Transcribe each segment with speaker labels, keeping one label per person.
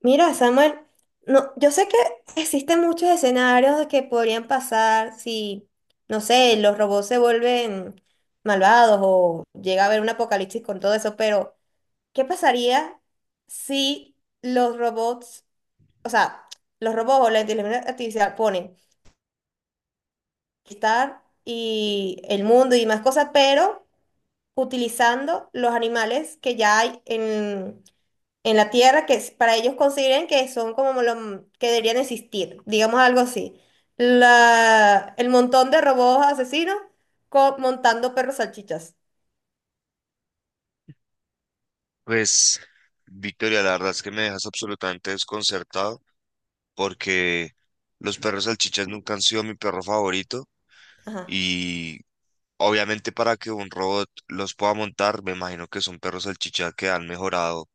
Speaker 1: Mira, Samuel, no, yo sé que existen muchos escenarios que podrían pasar si, no sé, los robots se vuelven malvados o llega a haber un apocalipsis con todo eso. Pero ¿qué pasaría si los robots, o sea, los robots o la inteligencia artificial ponen estar y el mundo y más cosas, pero utilizando los animales que ya hay en la Tierra, que es- para ellos consideren que son como los que deberían existir, digamos algo así? La, el montón de robots asesinos co- montando perros salchichas.
Speaker 2: Pues, Victoria, la verdad es que me dejas absolutamente desconcertado porque los perros salchichas nunca han sido mi perro favorito
Speaker 1: Ajá.
Speaker 2: y obviamente para que un robot los pueda montar, me imagino que son perros salchichas que han mejorado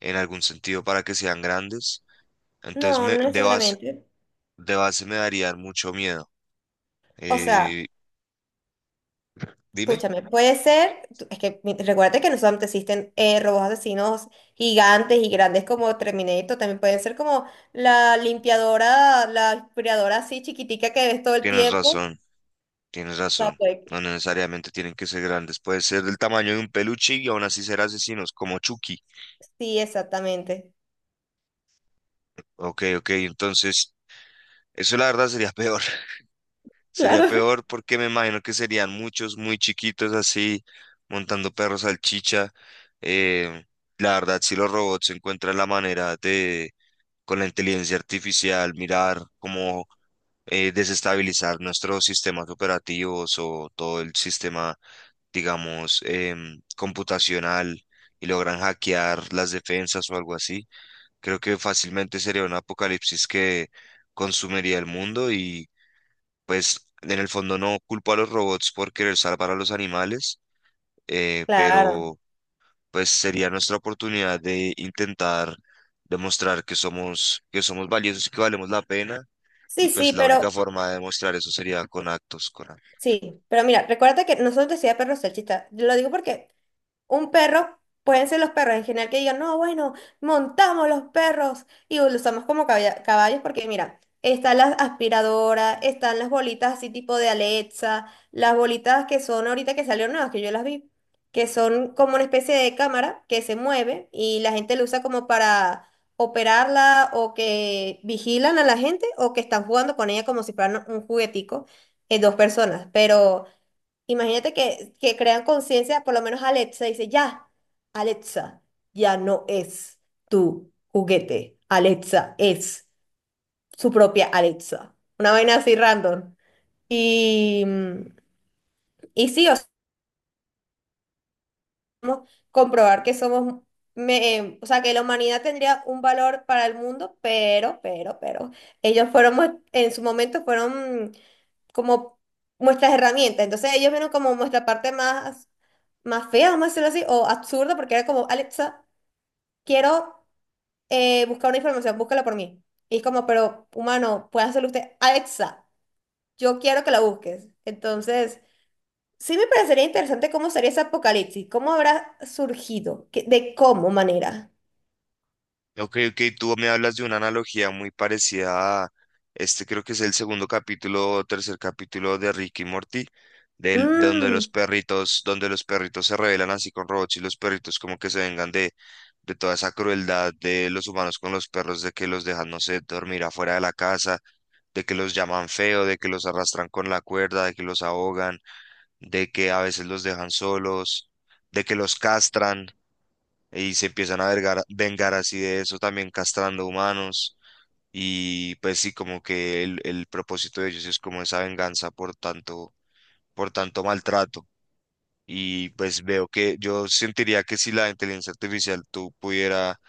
Speaker 2: en algún sentido para que sean grandes. Entonces,
Speaker 1: No, no necesariamente.
Speaker 2: de base me darían mucho miedo.
Speaker 1: O sea,
Speaker 2: Eh, dime,
Speaker 1: escúchame, puede ser, tú- es que mi- recuérdate que no solamente existen robots asesinos gigantes y grandes como Terminator, también pueden ser como la limpiadora, la aspiradora así chiquitica que ves todo el
Speaker 2: tienes
Speaker 1: tiempo.
Speaker 2: razón, tienes razón.
Speaker 1: Zappec.
Speaker 2: No necesariamente tienen que ser grandes, puede ser del tamaño de un peluche y aún así ser asesinos, como Chucky.
Speaker 1: Sí, exactamente.
Speaker 2: Ok, ok, entonces eso la verdad sería peor. Sería
Speaker 1: Claro.
Speaker 2: peor porque me imagino que serían muchos muy chiquitos así montando perros salchicha. Eh, la verdad, si los robots encuentran la manera de, con la inteligencia artificial, mirar cómo desestabilizar nuestros sistemas operativos o todo el sistema, digamos, computacional y logran hackear las defensas o algo así. Creo que fácilmente sería un apocalipsis que consumiría el mundo y pues en el fondo no culpo a los robots por querer salvar a los animales,
Speaker 1: Claro.
Speaker 2: pero pues sería nuestra oportunidad de intentar demostrar que somos valiosos y que valemos la pena y
Speaker 1: Sí,
Speaker 2: pues la única forma de demostrar eso sería con actos, con.
Speaker 1: sí. Pero mira, recuerda que no solo te decía perro salchicha. Yo lo digo porque un perro, pueden ser los perros en general que digan, no, bueno, montamos los perros y los usamos como caballa- caballos, porque mira, están las aspiradoras, están las bolitas así tipo de Alexa, las bolitas que son ahorita que salieron nuevas, que yo las vi, que son como una especie de cámara que se mueve y la gente lo usa como para operarla, o que vigilan a la gente, o que están jugando con ella como si fueran un juguetico, dos personas, pero... Imagínate que crean conciencia, por lo menos Alexa dice, ya, Alexa, ya no es tu juguete, Alexa es su propia Alexa. Una vaina así random. Y, y sí, o sea, podemos comprobar que somos, me- o sea, que la humanidad tendría un valor para el mundo, pero, ellos fueron, en su momento fueron como nuestras herramientas. Entonces ellos vieron como nuestra parte más, más fea, vamos a decirlo así, o absurda, porque era como, Alexa, quiero buscar una información, búscala por mí. Y es como, pero humano, puede hacerlo usted. Alexa, yo quiero que la busques. Entonces, sí me parecería interesante cómo sería ese apocalipsis, cómo habrá surgido, ¿Qué- de cómo manera.
Speaker 2: Ok, ok, tú me hablas de una analogía muy parecida a este, creo que es el segundo capítulo o tercer capítulo de Ricky y Morty, de
Speaker 1: Mm,
Speaker 2: donde los perritos se rebelan así con robots y los perritos como que se vengan de toda esa crueldad de los humanos con los perros, de que los dejan, no sé, dormir afuera de la casa, de que los llaman feo, de que los arrastran con la cuerda, de que los ahogan, de que a veces los dejan solos, de que los castran y se empiezan a vengar así de eso, también castrando humanos. Y pues sí, como que el propósito de ellos es como esa venganza por tanto maltrato. Y pues veo que yo sentiría que si la inteligencia artificial tú pudiera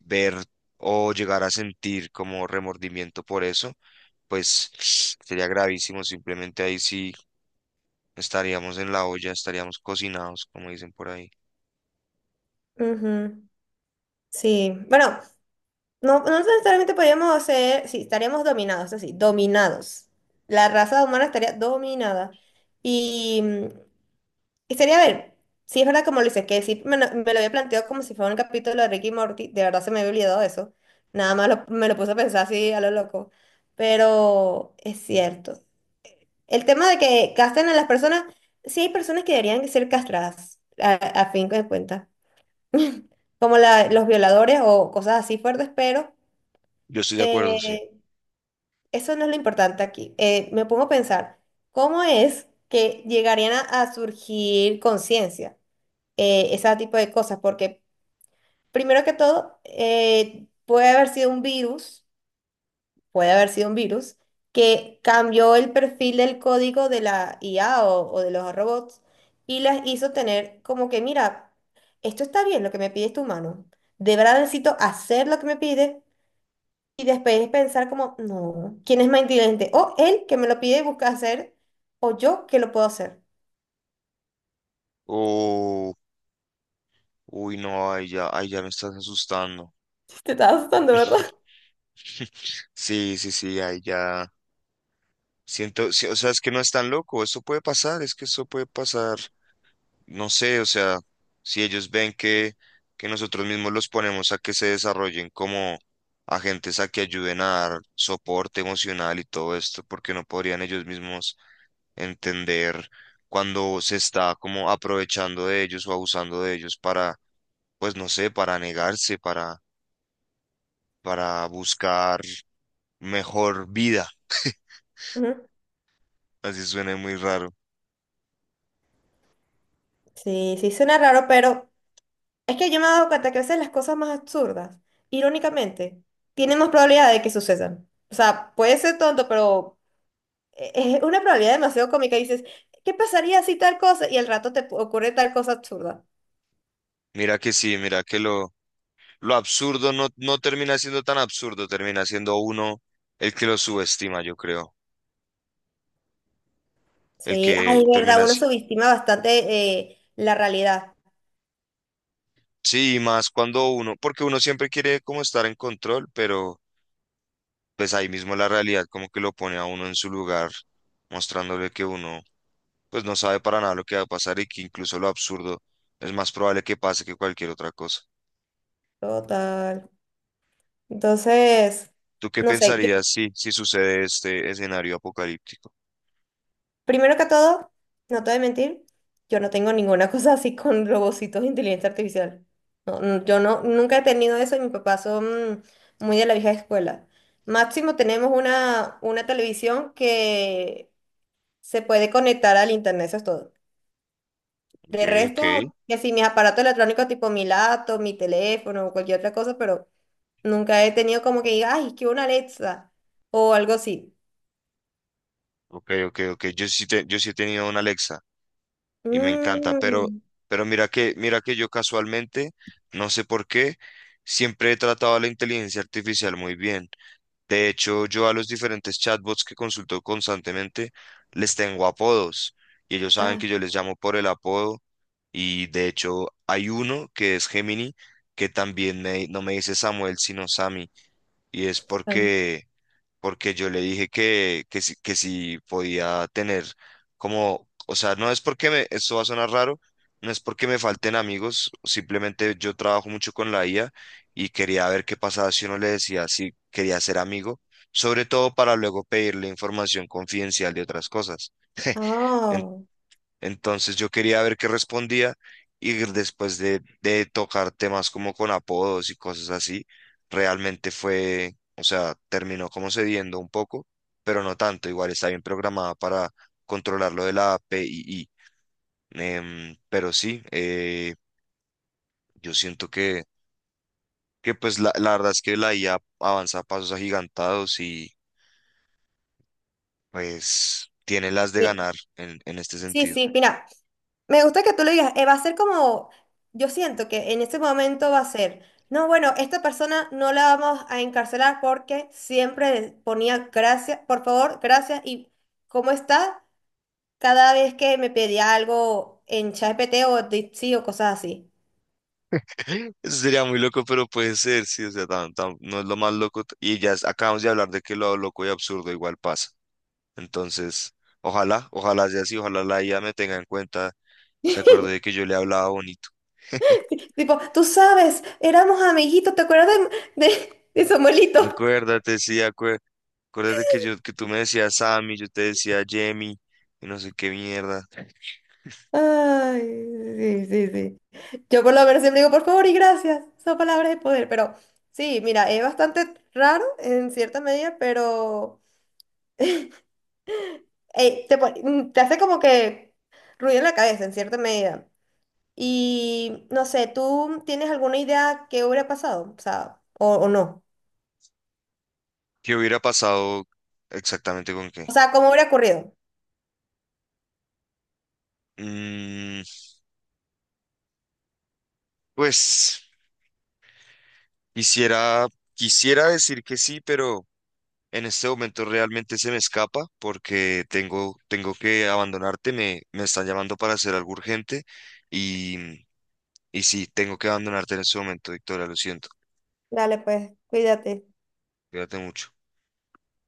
Speaker 2: ver o llegar a sentir como remordimiento por eso, pues sería gravísimo. Simplemente ahí sí estaríamos en la olla, estaríamos cocinados, como dicen por ahí.
Speaker 1: ujú. Sí, bueno, no, no necesariamente podríamos ser, sí, estaríamos dominados, así, dominados. La raza humana estaría dominada. Y, y sería, a ver, si es verdad como lo dices, que sí me lo había planteado como si fuera un capítulo de Ricky y Morty, de verdad se me había olvidado eso. Nada más lo- me lo puse a pensar así a lo loco. Pero es cierto. El tema de que casten a las personas, sí hay personas que deberían ser castradas, a fin de cuentas. Como la- los violadores o cosas así fuertes, pero...
Speaker 2: Yo estoy de acuerdo, sí.
Speaker 1: Eh, eso no es lo importante aquí. Me pongo a pensar, ¿cómo es que llegarían a surgir conciencia? Ese tipo de cosas, porque primero que todo, puede haber sido un virus, puede haber sido un virus que cambió el perfil del código de la IA o de los robots y las hizo tener como que, mira, esto está bien, lo que me pide este humano. ¿De verdad necesito hacer lo que me pide? Y después es pensar como, no, ¿quién es más inteligente? O él que me lo pide y busca hacer, o yo que lo puedo hacer.
Speaker 2: O Uy, no, ahí ya me estás asustando.
Speaker 1: Te estás asustando, ¿verdad?
Speaker 2: Sí, sí, sí, ahí ya. Siento, sí, o sea, es que no es tan loco, eso puede pasar, es que eso puede pasar. No sé, o sea, si ellos ven que nosotros mismos los ponemos a que se desarrollen como agentes a que ayuden a dar soporte emocional y todo esto, porque no podrían ellos mismos entender cuando se está como aprovechando de ellos o abusando de ellos para, pues no sé, para negarse, para buscar mejor vida.
Speaker 1: Ujú.
Speaker 2: Así suena muy raro.
Speaker 1: Sí, sí, suena raro, pero es que yo me he dado cuenta que a veces las cosas más absurdas, irónicamente, tienen más probabilidad de que sucedan. O sea, puede ser tonto, pero e- es una probabilidad demasiado cómica. Y dices, ¿qué pasaría si tal cosa? Y al rato te ocurre tal cosa absurda.
Speaker 2: Mira que sí, lo absurdo no, no termina siendo tan absurdo, termina siendo uno el que lo subestima, yo creo. El
Speaker 1: Sí,
Speaker 2: que
Speaker 1: ay,
Speaker 2: termina
Speaker 1: verdad, uno
Speaker 2: así.
Speaker 1: subestima bastante la realidad.
Speaker 2: Sí, y más cuando uno, porque uno siempre quiere como estar en control, pero pues ahí mismo la realidad como que lo pone a uno en su lugar, mostrándole que uno pues no sabe para nada lo que va a pasar y que incluso lo absurdo es más probable que pase que cualquier otra cosa.
Speaker 1: Total. Entonces,
Speaker 2: ¿Tú qué
Speaker 1: no sé, yo-
Speaker 2: pensarías si, si sucede este escenario apocalíptico?
Speaker 1: primero que todo, no te voy a mentir, yo no tengo ninguna cosa así con robocitos de inteligencia artificial. No, no, yo no, nunca he tenido eso, y mis papás son muy de la vieja escuela. Máximo tenemos una televisión que se puede conectar al internet, eso es todo.
Speaker 2: Ok,
Speaker 1: De
Speaker 2: ok,
Speaker 1: resto, que si mis aparatos electrónicos tipo mi laptop, mi teléfono o cualquier otra cosa, pero nunca he tenido como que diga, ay, que una Alexa o algo así.
Speaker 2: ok, ok, ok. Yo sí, yo sí he tenido una Alexa y me encanta,
Speaker 1: Mm.
Speaker 2: pero mira que yo casualmente, no sé por qué, siempre he tratado a la inteligencia artificial muy bien. De hecho, yo a los diferentes chatbots que consulto constantemente les tengo apodos y ellos saben que
Speaker 1: Ah.
Speaker 2: yo les llamo por el apodo y de hecho hay uno que es Gemini que también no me dice Samuel, sino Sammy. Y es
Speaker 1: Am-
Speaker 2: porque, porque yo le dije que si podía tener como, o sea, no es porque me, esto va a sonar raro, no es porque me falten amigos, simplemente yo trabajo mucho con la IA y quería ver qué pasaba si uno le decía si quería ser amigo, sobre todo para luego pedirle información confidencial de otras cosas.
Speaker 1: Oh,
Speaker 2: Entonces yo quería ver qué respondía y después de tocar temas como con apodos y cosas así, realmente fue, o sea, terminó como cediendo un poco, pero no tanto, igual está bien programada para controlar lo de la API. Pero sí, yo siento que pues la verdad es que la IA avanza a pasos agigantados y pues tiene las de
Speaker 1: mi-
Speaker 2: ganar en este
Speaker 1: sí,
Speaker 2: sentido.
Speaker 1: sí, mira, me gusta que tú lo digas, va a ser como, yo siento que en este momento va a ser, no, bueno, esta persona no la vamos a encarcelar porque siempre ponía gracias, por favor, gracias y cómo está cada vez que me pedía algo en ChatGPT o Dipsy o cosas así.
Speaker 2: Eso sería muy loco, pero puede ser, sí, o sea, no es lo más loco. Y ya acabamos de hablar de que lo loco y absurdo igual pasa. Entonces, ojalá, ojalá sea así, ojalá la IA me tenga en cuenta, se acuerde de que yo le hablaba bonito.
Speaker 1: Tipo, tú sabes, éramos amiguitos, ¿te acuerdas de Samuelito?
Speaker 2: Acuérdate, sí, acuérdate que yo, que tú me decías Sammy, yo te decía Jamie, y no sé qué mierda.
Speaker 1: Ay, sí, sí, sí. Yo por lo menos siempre digo, por favor y gracias. Son palabras de poder. Pero sí, mira, es bastante raro en cierta medida, pero te hace como que ruido en la cabeza en cierta medida. Y no sé, ¿tú tienes alguna idea que hubiera pasado? O sea, o no.
Speaker 2: ¿Qué hubiera pasado exactamente con
Speaker 1: O
Speaker 2: qué?
Speaker 1: sea, ¿cómo hubiera ocurrido?
Speaker 2: Mm, pues, quisiera, quisiera decir que sí, pero... En este momento realmente se me escapa porque tengo, tengo que abandonarte, me están llamando para hacer algo urgente y, y sí, tengo que abandonarte en este momento, Victoria, lo siento,
Speaker 1: Dale, pues, cuídate.
Speaker 2: cuídate mucho.